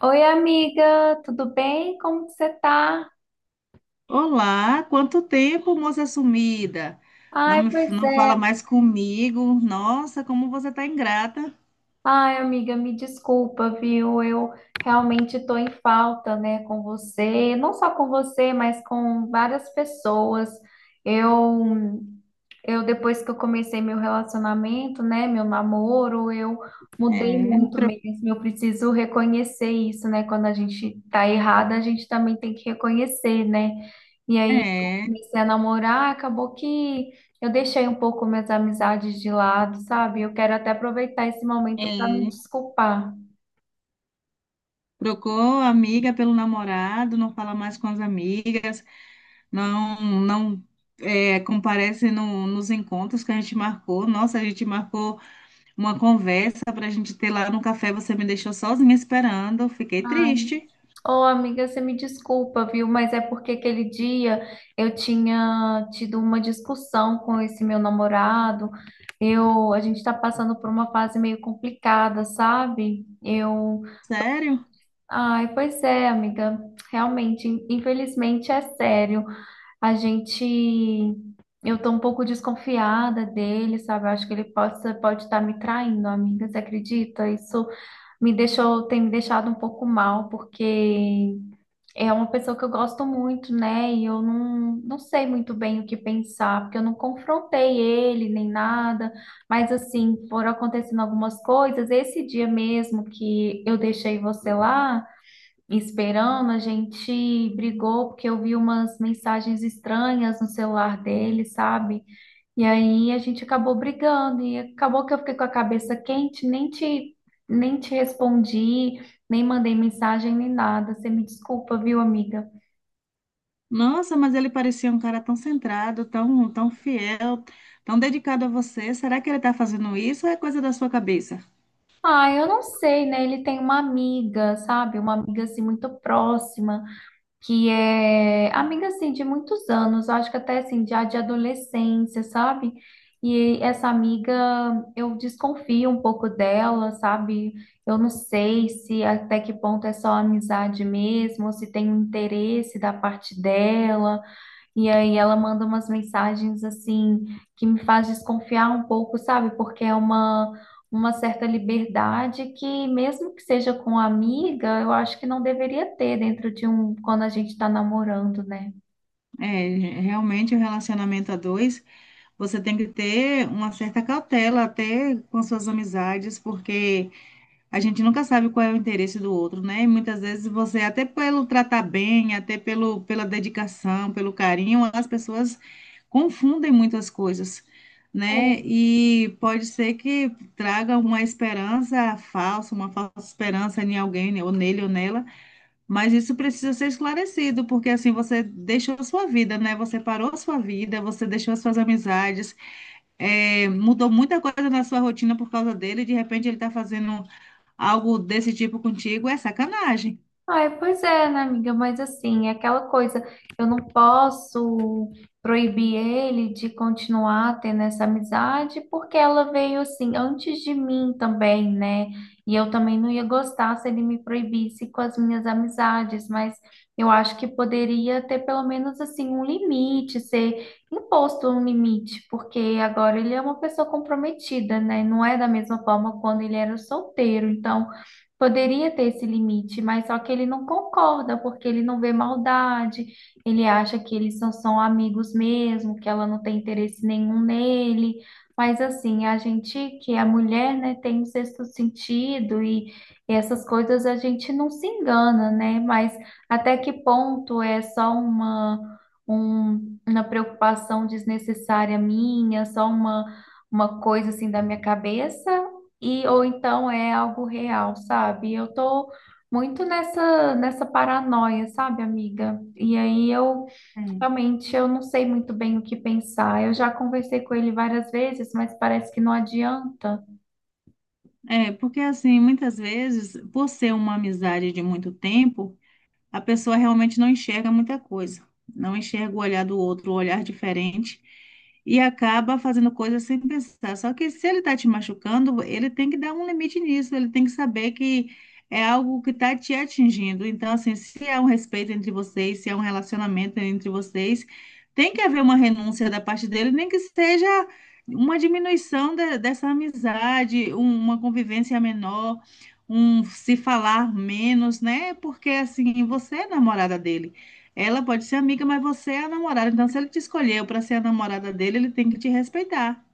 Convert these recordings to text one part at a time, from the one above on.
Oi, amiga, tudo bem? Como que você tá? Olá, quanto tempo, moça sumida? Não Ai, me, pois não fala é. mais comigo. Nossa, como você tá ingrata. Ai, amiga, me desculpa, viu? Eu realmente tô em falta, né, com você, não só com você, mas com várias pessoas. Eu Eu, depois que eu comecei meu relacionamento, né, meu namoro, eu mudei É, muito mesmo. Eu preciso reconhecer isso, né? Quando a gente tá errada, a gente também tem que reconhecer, né? E aí, eu é, comecei a namorar, acabou que eu deixei um pouco minhas amizades de lado, sabe? Eu quero até aproveitar esse momento para me é. desculpar. Trocou a amiga pelo namorado, não fala mais com as amigas, não comparece nos encontros que a gente marcou. Nossa, a gente marcou uma conversa para a gente ter lá no café. Você me deixou sozinha esperando, fiquei Ai. triste. Ô, amiga, você me desculpa, viu? Mas é porque aquele dia eu tinha tido uma discussão com esse meu namorado. Eu, a gente tá passando por uma fase meio complicada, sabe? Eu, Sério? ai, pois é, amiga. Realmente, infelizmente é sério. A gente. Eu tô um pouco desconfiada dele, sabe? Eu acho que ele possa, pode estar me traindo, amiga. Você acredita? Isso me deixou, tem me deixado um pouco mal, porque é uma pessoa que eu gosto muito, né? E eu não, não sei muito bem o que pensar, porque eu não confrontei ele nem nada. Mas, assim, foram acontecendo algumas coisas. Esse dia mesmo que eu deixei você lá esperando, a gente brigou porque eu vi umas mensagens estranhas no celular dele, sabe? E aí a gente acabou brigando e acabou que eu fiquei com a cabeça quente, nem te respondi, nem mandei mensagem nem nada. Você me desculpa, viu, amiga? Nossa, mas ele parecia um cara tão centrado, tão fiel, tão dedicado a você. Será que ele está fazendo isso ou é coisa da sua cabeça? Ah, eu não sei, né? Ele tem uma amiga, sabe? Uma amiga assim muito próxima, que é amiga assim de muitos anos, eu acho que até assim já de adolescência, sabe? E essa amiga, eu desconfio um pouco dela, sabe? Eu não sei se até que ponto é só amizade mesmo, ou se tem um interesse da parte dela. E aí ela manda umas mensagens assim que me faz desconfiar um pouco, sabe? Porque é uma certa liberdade que mesmo que seja com amiga, eu acho que não deveria ter dentro de um quando a gente está namorando, né? É, realmente o relacionamento a dois, você tem que ter uma certa cautela até com suas amizades, porque a gente nunca sabe qual é o interesse do outro, né? E muitas vezes você, até pelo tratar bem, até pela dedicação, pelo carinho, as pessoas confundem muitas coisas, né? É. E pode ser que traga uma esperança falsa, uma falsa esperança em alguém, né? ou nele ou nela, mas isso precisa ser esclarecido, porque assim você deixou a sua vida, né? Você parou a sua vida, você deixou as suas amizades, mudou muita coisa na sua rotina por causa dele, e de repente ele está fazendo algo desse tipo contigo é sacanagem. Ai, pois é, né, amiga? Mas assim, é aquela coisa, eu não posso proibir ele de continuar tendo essa amizade, porque ela veio assim antes de mim também, né? E eu também não ia gostar se ele me proibisse com as minhas amizades, mas eu acho que poderia ter pelo menos assim um limite, ser imposto um limite, porque agora ele é uma pessoa comprometida, né? Não é da mesma forma quando ele era solteiro, então. Poderia ter esse limite, mas só que ele não concorda, porque ele não vê maldade, ele acha que eles só são amigos mesmo, que ela não tem interesse nenhum nele. Mas assim, a gente, que a mulher, né, tem um sexto sentido e essas coisas a gente não se engana, né? Mas até que ponto é só uma, uma preocupação desnecessária minha, só uma coisa assim da minha cabeça? E ou então é algo real, sabe? Eu tô muito nessa paranoia, sabe, amiga? E aí eu É. realmente eu não sei muito bem o que pensar. Eu já conversei com ele várias vezes, mas parece que não adianta. É, porque assim, muitas vezes, por ser uma amizade de muito tempo, a pessoa realmente não enxerga muita coisa, não enxerga o olhar do outro, o olhar diferente, e acaba fazendo coisas sem pensar. Só que se ele está te machucando, ele tem que dar um limite nisso, ele tem que saber que é algo que está te atingindo. Então, assim, se há um respeito entre vocês, se há um relacionamento entre vocês, tem que haver uma renúncia da parte dele, nem que seja. Uma diminuição dessa amizade, uma convivência menor, um se falar menos, né? Porque assim, você é namorada dele. Ela pode ser amiga, mas você é a namorada. Então, se ele te escolheu para ser a namorada dele, ele tem que te respeitar.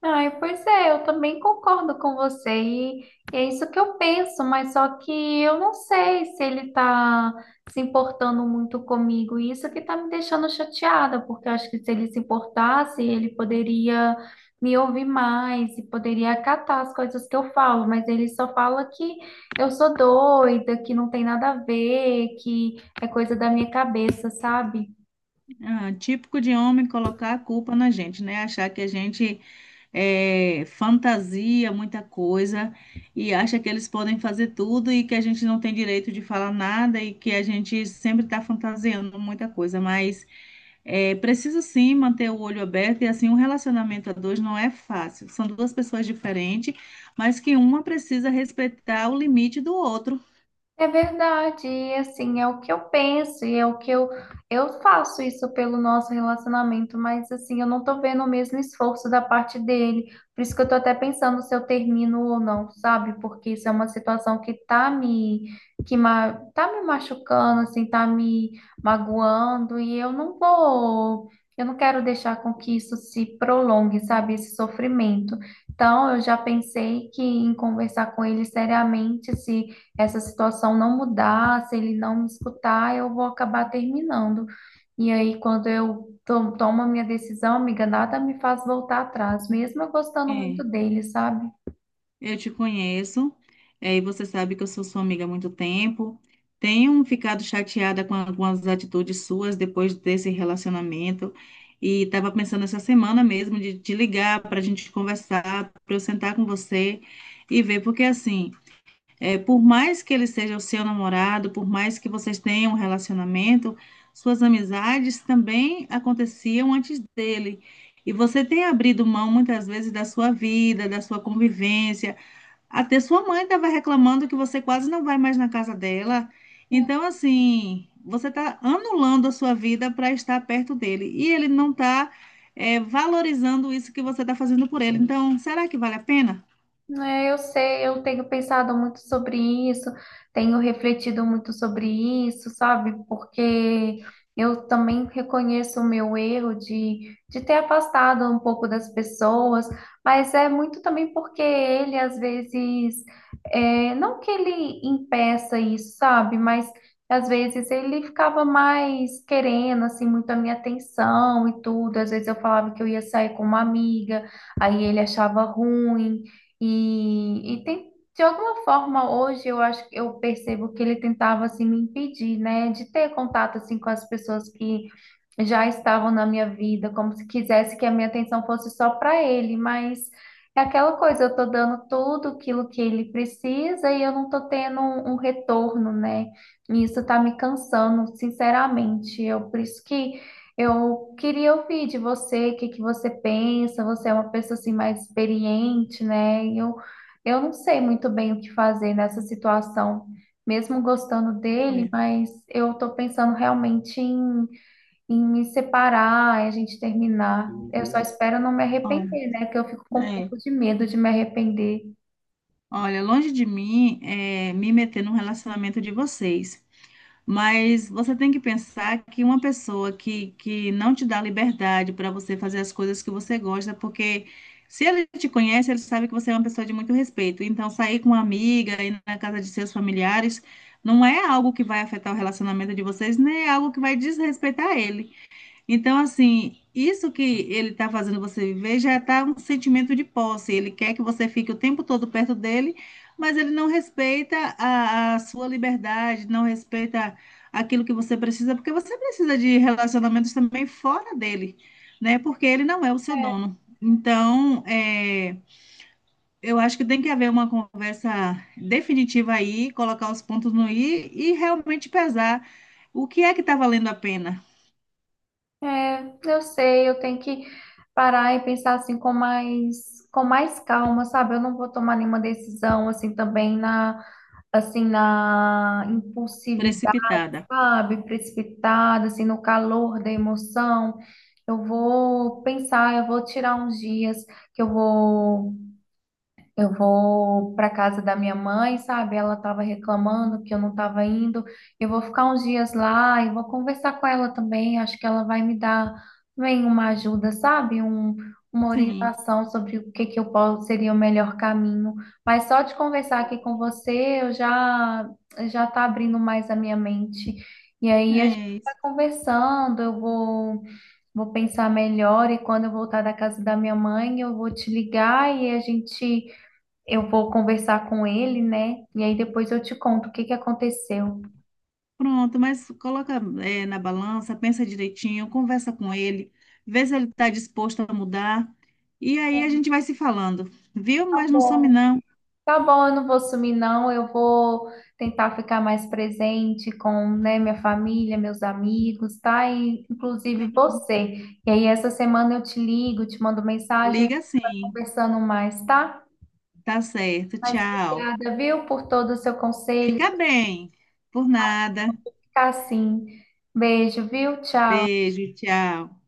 Ai, pois é, eu também concordo com você e é isso que eu penso, mas só que eu não sei se ele tá se importando muito comigo e isso que tá me deixando chateada, porque eu acho que se ele se importasse, ele poderia me ouvir mais e poderia acatar as coisas que eu falo, mas ele só fala que eu sou doida, que não tem nada a ver, que é coisa da minha cabeça, sabe? Ah, típico de homem colocar a culpa na gente, né? Achar que a gente fantasia muita coisa e acha que eles podem fazer tudo e que a gente não tem direito de falar nada e que a gente sempre está fantasiando muita coisa. Mas é, precisa sim manter o olho aberto, e assim um relacionamento a dois não é fácil. São duas pessoas diferentes, mas que uma precisa respeitar o limite do outro. É verdade, e assim, é o que eu penso e é o que eu faço isso pelo nosso relacionamento, mas assim, eu não tô vendo o mesmo esforço da parte dele. Por isso que eu tô até pensando se eu termino ou não, sabe? Porque isso é uma situação que tá me tá me machucando, assim, tá me magoando e eu não vou. Eu não quero deixar com que isso se prolongue, sabe? Esse sofrimento. Então, eu já pensei que em conversar com ele seriamente, se essa situação não mudar, se ele não me escutar, eu vou acabar terminando. E aí, quando eu tomo a minha decisão, amiga, nada me faz voltar atrás, mesmo eu gostando muito É, dele, sabe? eu te conheço, é, e você sabe que eu sou sua amiga há muito tempo. Tenho ficado chateada com algumas atitudes suas depois desse relacionamento e estava pensando essa semana mesmo de te ligar para a gente conversar, para eu sentar com você e ver, porque assim. É, por mais que ele seja o seu namorado, por mais que vocês tenham um relacionamento, suas amizades também aconteciam antes dele. E você tem abrido mão muitas vezes da sua vida, da sua convivência. Até sua mãe estava reclamando que você quase não vai mais na casa dela. Então, assim, você está anulando a sua vida para estar perto dele. E ele não está valorizando isso que você está fazendo por ele. Então, será que vale a pena? É, eu sei, eu tenho pensado muito sobre isso, tenho refletido muito sobre isso, sabe? Porque eu também reconheço o meu erro de ter afastado um pouco das pessoas, mas é muito também porque ele, às vezes, é, não que ele impeça isso, sabe? Mas às vezes ele ficava mais querendo, assim, muito a minha atenção e tudo. Às vezes eu falava que eu ia sair com uma amiga, aí ele achava ruim. E tem, de alguma forma, hoje eu acho que eu percebo que ele tentava assim me impedir, né, de ter contato assim com as pessoas que já estavam na minha vida, como se quisesse que a minha atenção fosse só para ele, mas é aquela coisa, eu tô dando tudo aquilo que ele precisa e eu não tô tendo um, um retorno, né? E isso tá me cansando, sinceramente. Eu por isso que eu queria ouvir de você, o que que você pensa? Você é uma pessoa assim mais experiente, né? E eu não sei muito bem o que fazer nessa situação, mesmo gostando dele, Olha, mas eu tô pensando realmente em, em me separar, em a gente terminar. Eu só espero não me olha. arrepender, né? Que eu fico com um É. pouco de medo de me arrepender. Olha, longe de mim é me meter num relacionamento de vocês, mas você tem que pensar que uma pessoa que não te dá liberdade para você fazer as coisas que você gosta, porque se ele te conhece, ele sabe que você é uma pessoa de muito respeito. Então, sair com uma amiga, ir na casa de seus familiares, não é algo que vai afetar o relacionamento de vocês, nem é algo que vai desrespeitar ele. Então, assim, isso que ele está fazendo você viver já está um sentimento de posse. Ele quer que você fique o tempo todo perto dele, mas ele não respeita a sua liberdade, não respeita aquilo que você precisa, porque você precisa de relacionamentos também fora dele, né? Porque ele não é o seu dono. Então, eu acho que tem que haver uma conversa definitiva aí, colocar os pontos no i e realmente pesar o que é que está valendo a pena, É, eu sei, eu tenho que parar e pensar assim com mais calma, sabe? Eu não vou tomar nenhuma decisão assim também na assim na impulsividade, precipitada. sabe? Precipitada, assim no calor da emoção. Eu vou pensar, eu vou tirar uns dias que eu vou para casa da minha mãe, sabe? Ela estava reclamando que eu não estava indo. Eu vou ficar uns dias lá e vou conversar com ela também. Acho que ela vai me dar bem uma ajuda, sabe? Um, uma Sim. orientação sobre o que que eu posso seria o melhor caminho. Mas só de conversar aqui com você, eu já já tá abrindo mais a minha mente. E aí a gente É vai isso. conversando, eu vou. Vou pensar melhor e quando eu voltar da casa da minha mãe, eu vou te ligar e a gente eu vou conversar com ele, né? E aí depois eu te conto o que que aconteceu. Pronto, mas coloca, na balança, pensa direitinho, conversa com ele, vê se ele está disposto a mudar. E aí a gente vai se falando, viu? Tá Mas não some bom. não. Tá bom, eu não vou sumir, não. Eu vou tentar ficar mais presente com, né, minha família, meus amigos, tá? E, inclusive você. E aí, essa semana eu te ligo, te mando mensagem, a gente Liga vai sim. conversando mais, tá? Tá certo. Mas Tchau. obrigada, viu, por todo o seu conselho, Fica sua bem. Por nada. ficar assim. Beijo, viu? Tchau. Beijo, tchau.